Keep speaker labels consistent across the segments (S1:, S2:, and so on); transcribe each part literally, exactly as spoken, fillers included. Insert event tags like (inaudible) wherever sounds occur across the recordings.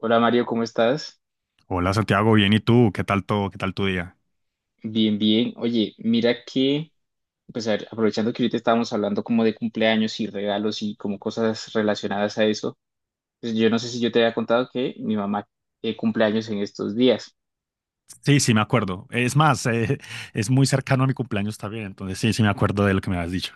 S1: Hola Mario, ¿cómo estás?
S2: Hola Santiago, bien, ¿y tú? ¿Qué tal todo? ¿Qué tal tu día?
S1: Bien, bien. Oye, mira que, pues a ver, aprovechando que ahorita estábamos hablando como de cumpleaños y regalos y como cosas relacionadas a eso, pues yo no sé si yo te había contado que mi mamá eh, cumpleaños en estos días.
S2: Sí, sí, me acuerdo. Es más, eh, (laughs) es muy cercano a mi cumpleaños también, entonces sí, sí me acuerdo de lo que me habías dicho.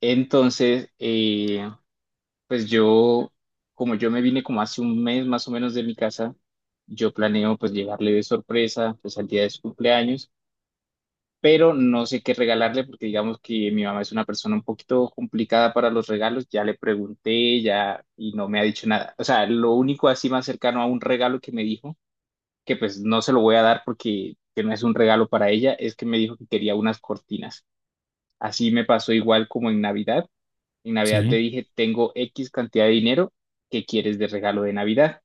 S1: Entonces, eh, pues yo, como yo me vine como hace un mes más o menos de mi casa, yo planeo pues llegarle de sorpresa pues al día de su cumpleaños, pero no sé qué regalarle porque digamos que mi mamá es una persona un poquito complicada para los regalos. Ya le pregunté, ya, y no me ha dicho nada. O sea, lo único así más cercano a un regalo que me dijo, que pues no se lo voy a dar porque que no es un regalo para ella, es que me dijo que quería unas cortinas. Así me pasó igual como en Navidad. En Navidad le
S2: Sí.
S1: dije, tengo X cantidad de dinero, ¿qué quieres de regalo de Navidad?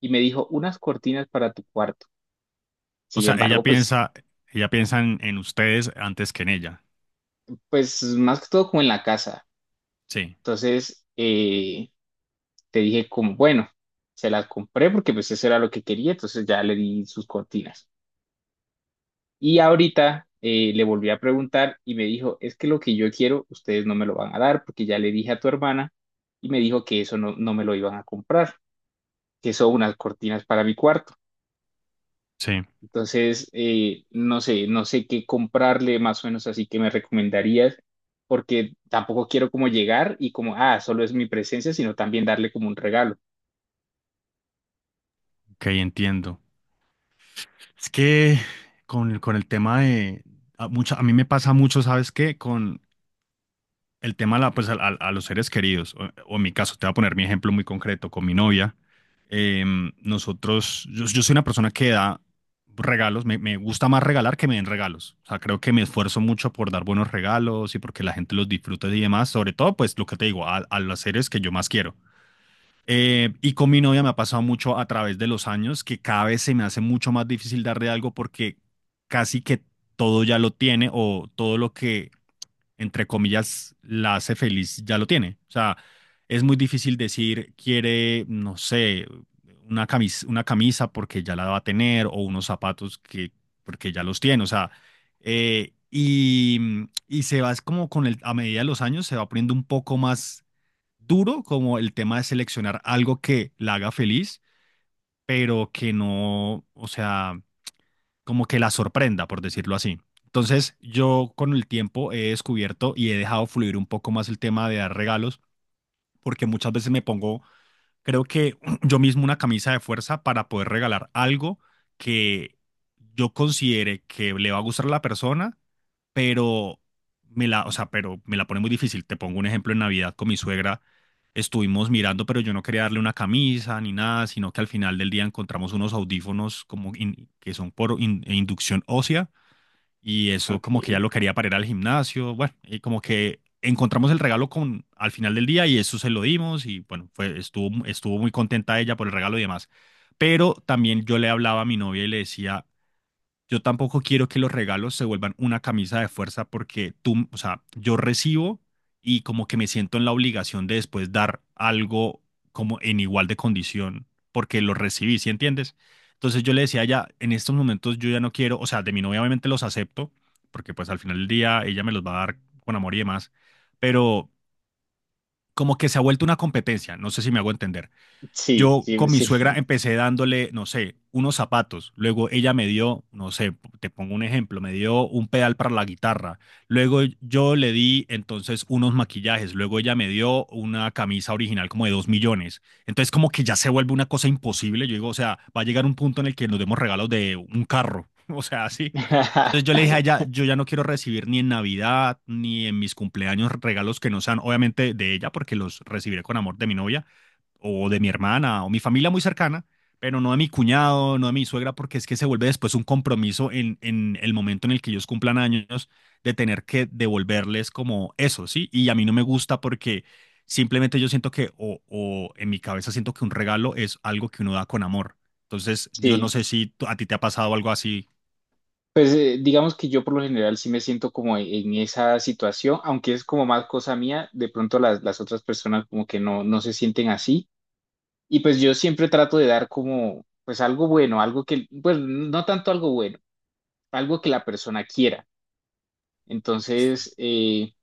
S1: Y me dijo, unas cortinas para tu cuarto.
S2: O
S1: Sin
S2: sea, ella
S1: embargo, pues,
S2: piensa, ella piensa en, en ustedes antes que en ella.
S1: pues más que todo como en la casa.
S2: Sí,
S1: Entonces, eh, te dije como, bueno, se las compré porque pues eso era lo que quería, entonces ya le di sus cortinas. Y ahorita eh, le volví a preguntar y me dijo, es que lo que yo quiero, ustedes no me lo van a dar porque ya le dije a tu hermana y me dijo que eso no, no me lo iban a comprar, que son unas cortinas para mi cuarto.
S2: sí,
S1: Entonces, eh, no sé, no sé qué comprarle más o menos, así que me recomendarías, porque tampoco quiero como llegar y como, ah, solo es mi presencia, sino también darle como un regalo.
S2: ok, entiendo. Es que con, con el tema de, a, mucha- a mí me pasa mucho, ¿sabes qué? Con, el tema a la- pues, al- al- a, los seres queridos, o, o en mi caso, te voy a poner mi ejemplo muy concreto con mi novia. em, nosotros, yo, yo soy una persona que da regalos, me, me gusta más regalar que me den regalos. O sea, creo que me esfuerzo mucho por dar buenos regalos y porque la gente los disfrute y demás, sobre todo, pues lo que te digo, a, a los seres que yo más quiero. Eh, y con mi novia me ha pasado mucho a través de los años que cada vez se me hace mucho más difícil darle algo porque casi que todo ya lo tiene o todo lo que entre comillas, la hace feliz, ya lo tiene. O sea, es muy difícil decir, quiere, no sé, una camisa, una camisa porque ya la va a tener o unos zapatos que, porque ya los tiene. O sea, eh, y, mm, y se va, es como con el, a medida de los años, se va poniendo un poco más duro como el tema de seleccionar algo que la haga feliz, pero que no, o sea como que la sorprenda, por decirlo así. Entonces, yo con el tiempo he descubierto y he dejado fluir un poco más el tema de dar regalos, porque muchas veces me pongo, creo que (clears throat) yo mismo una camisa de fuerza para poder regalar algo que yo considere que le va a gustar a la persona, pero me la, o sea, pero me la pone muy difícil. Te pongo un ejemplo en Navidad con mi suegra. Estuvimos mirando, pero yo no quería darle una camisa ni nada, sino que al final del día encontramos unos audífonos como in- que son por in- e inducción ósea y eso
S1: Ok,
S2: como que ya lo quería para ir al gimnasio, bueno, y como que encontramos el regalo con al final del día y eso se lo dimos y bueno, fue, estuvo, estuvo muy contenta ella por el regalo y demás. Pero también yo le hablaba a mi novia y le decía, yo tampoco quiero que los regalos se vuelvan una camisa de fuerza porque tú, o sea, yo recibo y como que me siento en la obligación de después dar algo como en igual de condición porque lo recibí, ¿sí entiendes? Entonces yo le decía ya, en estos momentos yo ya no quiero, o sea, de mi novia obviamente los acepto porque pues al final del día ella me los va a dar con amor y demás, pero como que se ha vuelto una competencia, no sé si me hago entender.
S1: sí,
S2: Yo
S1: sí,
S2: con mi suegra
S1: sí.
S2: empecé dándole, no sé, unos zapatos. Luego ella me dio, no sé, te pongo un ejemplo, me dio un pedal para la guitarra. Luego yo le di entonces unos maquillajes. Luego ella me dio una camisa original como de dos millones. Entonces como que ya se vuelve una cosa imposible. Yo digo, o sea, va a llegar un punto en el que nos demos regalos de un carro. (laughs) O sea, así. Entonces yo le
S1: (laughs)
S2: dije a ella, yo ya no quiero recibir ni en Navidad ni en mis cumpleaños regalos que no sean obviamente de ella porque los recibiré con amor de mi novia, o de mi hermana o mi familia muy cercana, pero no de mi cuñado, no de mi suegra, porque es que se vuelve después un compromiso en, en el momento en el que ellos cumplan años de tener que devolverles como eso, ¿sí? Y a mí no me gusta porque simplemente yo siento que, o, o en mi cabeza siento que un regalo es algo que uno da con amor. Entonces, yo no
S1: Sí,
S2: sé si tú- a ti te ha pasado algo así.
S1: pues eh, digamos que yo por lo general sí me siento como en, en esa situación, aunque es como más cosa mía, de pronto las, las otras personas como que no, no se sienten así. Y pues yo siempre trato de dar como pues algo bueno, algo que, pues no tanto algo bueno, algo que la persona quiera.
S2: Sí,
S1: Entonces, eh,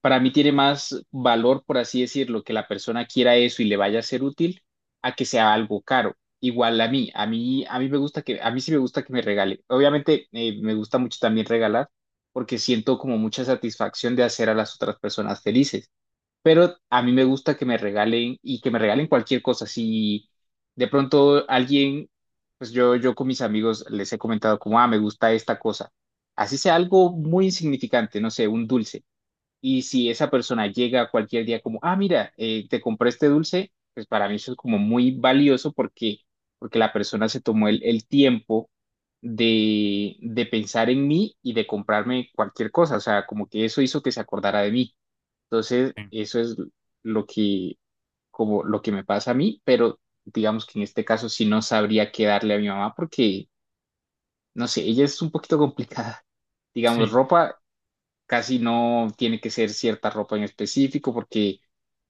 S1: para mí tiene más valor, por así decirlo, que la persona quiera eso y le vaya a ser útil a que sea algo caro. Igual a mí, a mí, a mí me gusta que, a mí sí me gusta que me regale. Obviamente, eh, me gusta mucho también regalar porque siento como mucha satisfacción de hacer a las otras personas felices. Pero a mí me gusta que me regalen y que me regalen cualquier cosa. Si de pronto alguien, pues yo, yo con mis amigos les he comentado como, ah, me gusta esta cosa. Así sea algo muy insignificante, no sé, un dulce, y si esa persona llega cualquier día como, ah, mira, eh, te compré este dulce, pues para mí eso es como muy valioso porque, porque la persona se tomó el, el tiempo de, de pensar en mí y de comprarme cualquier cosa. O sea, como que eso hizo que se acordara de mí. Entonces,
S2: sí,
S1: eso es lo que, como lo que me pasa a mí, pero digamos que en este caso sí no sabría qué darle a mi mamá porque, no sé, ella es un poquito complicada. Digamos,
S2: sí,
S1: ropa casi no tiene que ser cierta ropa en específico porque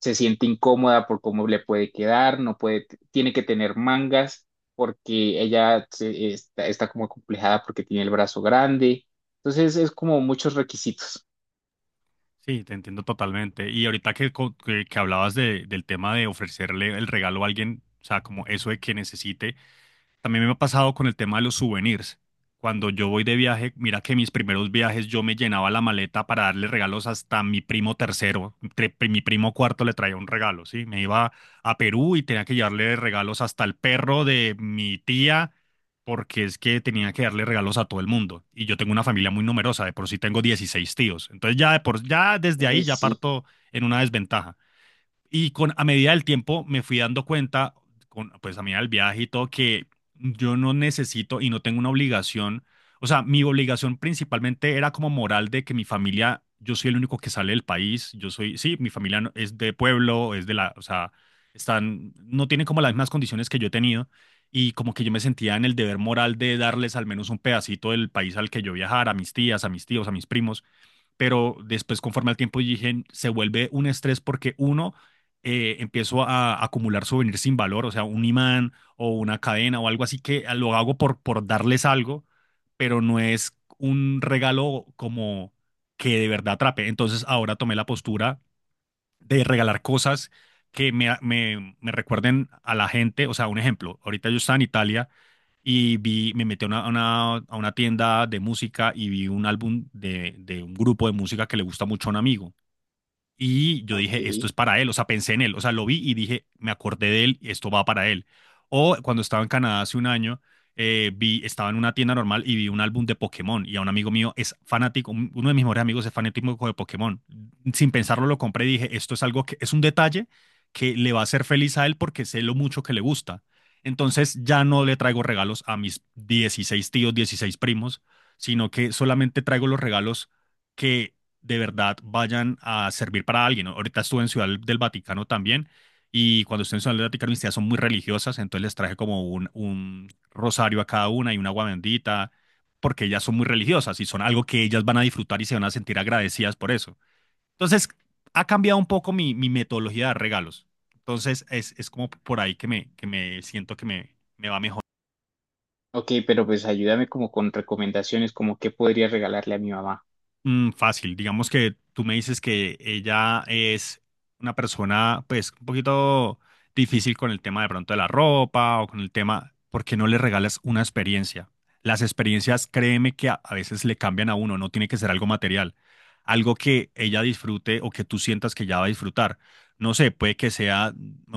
S1: se siente incómoda por cómo le puede quedar, no puede, tiene que tener mangas porque ella se- está, está como complejada porque tiene el brazo grande. Entonces es como muchos requisitos.
S2: sí, te entiendo totalmente. Y ahorita que, co- que, que hablabas de, del tema de ofrecerle el regalo a alguien, o sea, como eso de que necesite. También me ha pasado con el tema de los souvenirs. Cuando yo voy de viaje, mira que mis primeros viajes yo me llenaba la maleta para darle regalos hasta a mi primo tercero. Tre- mi primo cuarto le traía un regalo, ¿sí? Me iba a Perú y tenía que llevarle regalos hasta al perro de mi tía, porque es que tenía que darle regalos a todo el mundo. Y yo tengo una familia muy numerosa, de por sí tengo dieciséis tíos. Entonces ya, de por, ya desde
S1: Ay,
S2: ahí ya
S1: sí,
S2: parto en una desventaja. Y con, a medida del tiempo me fui dando cuenta, con, pues a medida del viaje y todo, que yo no necesito y no tengo una obligación. O sea, mi obligación principalmente era como moral de que mi familia, yo soy el único que sale del país, yo soy, sí, mi familia no- es de pueblo, es de la, o sea, están, no tienen como las mismas condiciones que yo he tenido y como que yo me sentía en el deber moral de darles al menos un pedacito del país al que yo viajara, a mis tías, a mis tíos, a mis primos pero después conforme al tiempo dije, se vuelve un estrés porque uno, eh, empiezo a acumular souvenirs sin valor, o sea, un imán o una cadena o algo así que lo hago por, por darles algo, pero no es un regalo como que de verdad atrape. Entonces ahora tomé la postura de regalar cosas que me, me, me recuerden a la gente, o sea, un ejemplo, ahorita yo estaba en Italia y vi, me metí a una, a una, a una tienda de música y vi un álbum de, de un grupo de música que le gusta mucho a un amigo. Y yo
S1: ok.
S2: dije, esto es para él, o sea, pensé en él, o sea, lo vi y dije, me acordé de él, esto va para él. O cuando estaba en Canadá hace un año, eh, vi, estaba en una tienda normal y vi un álbum de Pokémon y a un amigo mío es fanático, un- uno de mis mejores amigos es fanático de Pokémon. Sin pensarlo lo compré y dije, esto es algo que es un detalle que le va a hacer feliz a él porque sé lo mucho que le gusta. Entonces ya no le traigo regalos a mis dieciséis tíos, dieciséis primos, sino que solamente traigo los regalos que de verdad vayan a servir para alguien, ¿no? Ahorita estuve en Ciudad del Vaticano también y cuando estuve en Ciudad del Vaticano mis tías son muy religiosas, entonces les traje como un, un rosario a cada una y un agua bendita, porque ellas son muy religiosas y son algo que ellas van a disfrutar y se van a sentir agradecidas por eso. Entonces, ha cambiado un poco mi, mi metodología de regalos. Entonces, es, es como por ahí que me, que me siento que me, me va mejor.
S1: Ok, pero pues ayúdame como con recomendaciones, como qué podría regalarle a mi mamá.
S2: Mm, fácil, digamos que tú me dices que ella es una persona pues un poquito difícil con el tema de pronto de la ropa o con el tema, ¿porque no le regalas una experiencia? Las experiencias, créeme que a, a veces le cambian a uno, no tiene que ser algo material, algo que ella disfrute o que tú sientas que ella va a disfrutar. No sé, puede que sea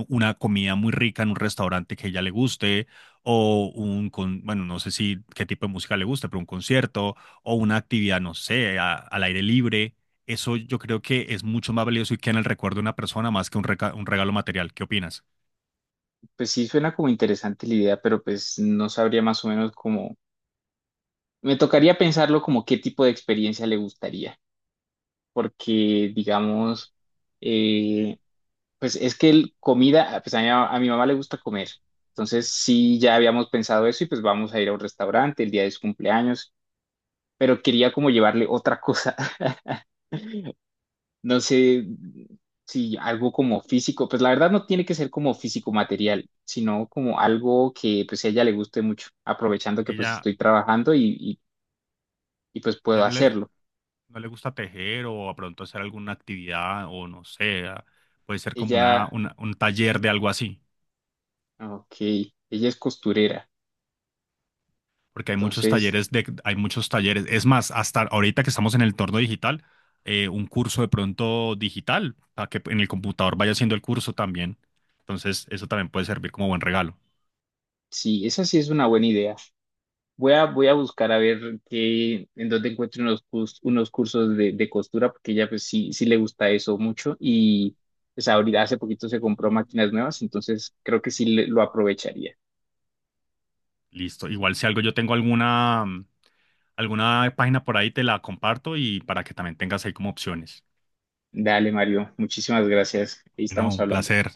S2: una comida muy rica en un restaurante que a ella le guste o un, con, bueno, no sé si qué tipo de música le guste, pero un concierto o una actividad, no sé, a- al aire libre. Eso yo creo que es mucho más valioso y queda en el recuerdo de una persona más que un, reca- un regalo material. ¿Qué opinas?
S1: Pues sí, suena como interesante la idea, pero pues no sabría más o menos como... Me tocaría pensarlo como qué tipo de experiencia le gustaría. Porque, digamos, eh, pues es que el comida, pues a mi, a mi mamá le gusta comer. Entonces, sí, ya habíamos pensado eso y pues vamos a ir a un restaurante el día de su cumpleaños, pero quería como llevarle otra cosa. (laughs) No sé si algo como físico, pues la verdad no tiene que ser como físico material, sino como algo que pues a ella le guste mucho, aprovechando que pues
S2: Ella,
S1: estoy trabajando y, y, y pues
S2: a
S1: puedo
S2: ella no le,
S1: hacerlo.
S2: no le gusta tejer o a pronto hacer alguna actividad o no sé, a- puede ser como una,
S1: Ella,
S2: una- un taller de algo así,
S1: ok, ella es costurera,
S2: porque hay muchos
S1: entonces...
S2: talleres de, hay muchos talleres. Es más, hasta ahorita que estamos en el entorno digital, eh, un curso de pronto digital, para que en el computador vaya haciendo el curso también. Entonces, eso también puede servir como buen regalo.
S1: Sí, esa sí es una buena idea. Voy a, voy a buscar a ver qué, en dónde encuentro unos, cus- unos cursos de, de costura, porque ella pues sí, sí le gusta eso mucho y pues ahorita hace poquito se compró máquinas nuevas, entonces creo que sí le- lo aprovecharía.
S2: Listo. Igual si algo yo tengo alguna, mm, alguna página por ahí, te la comparto y para que también tengas ahí como opciones.
S1: Dale, Mario, muchísimas gracias. Ahí
S2: No,
S1: estamos
S2: un
S1: hablando.
S2: placer.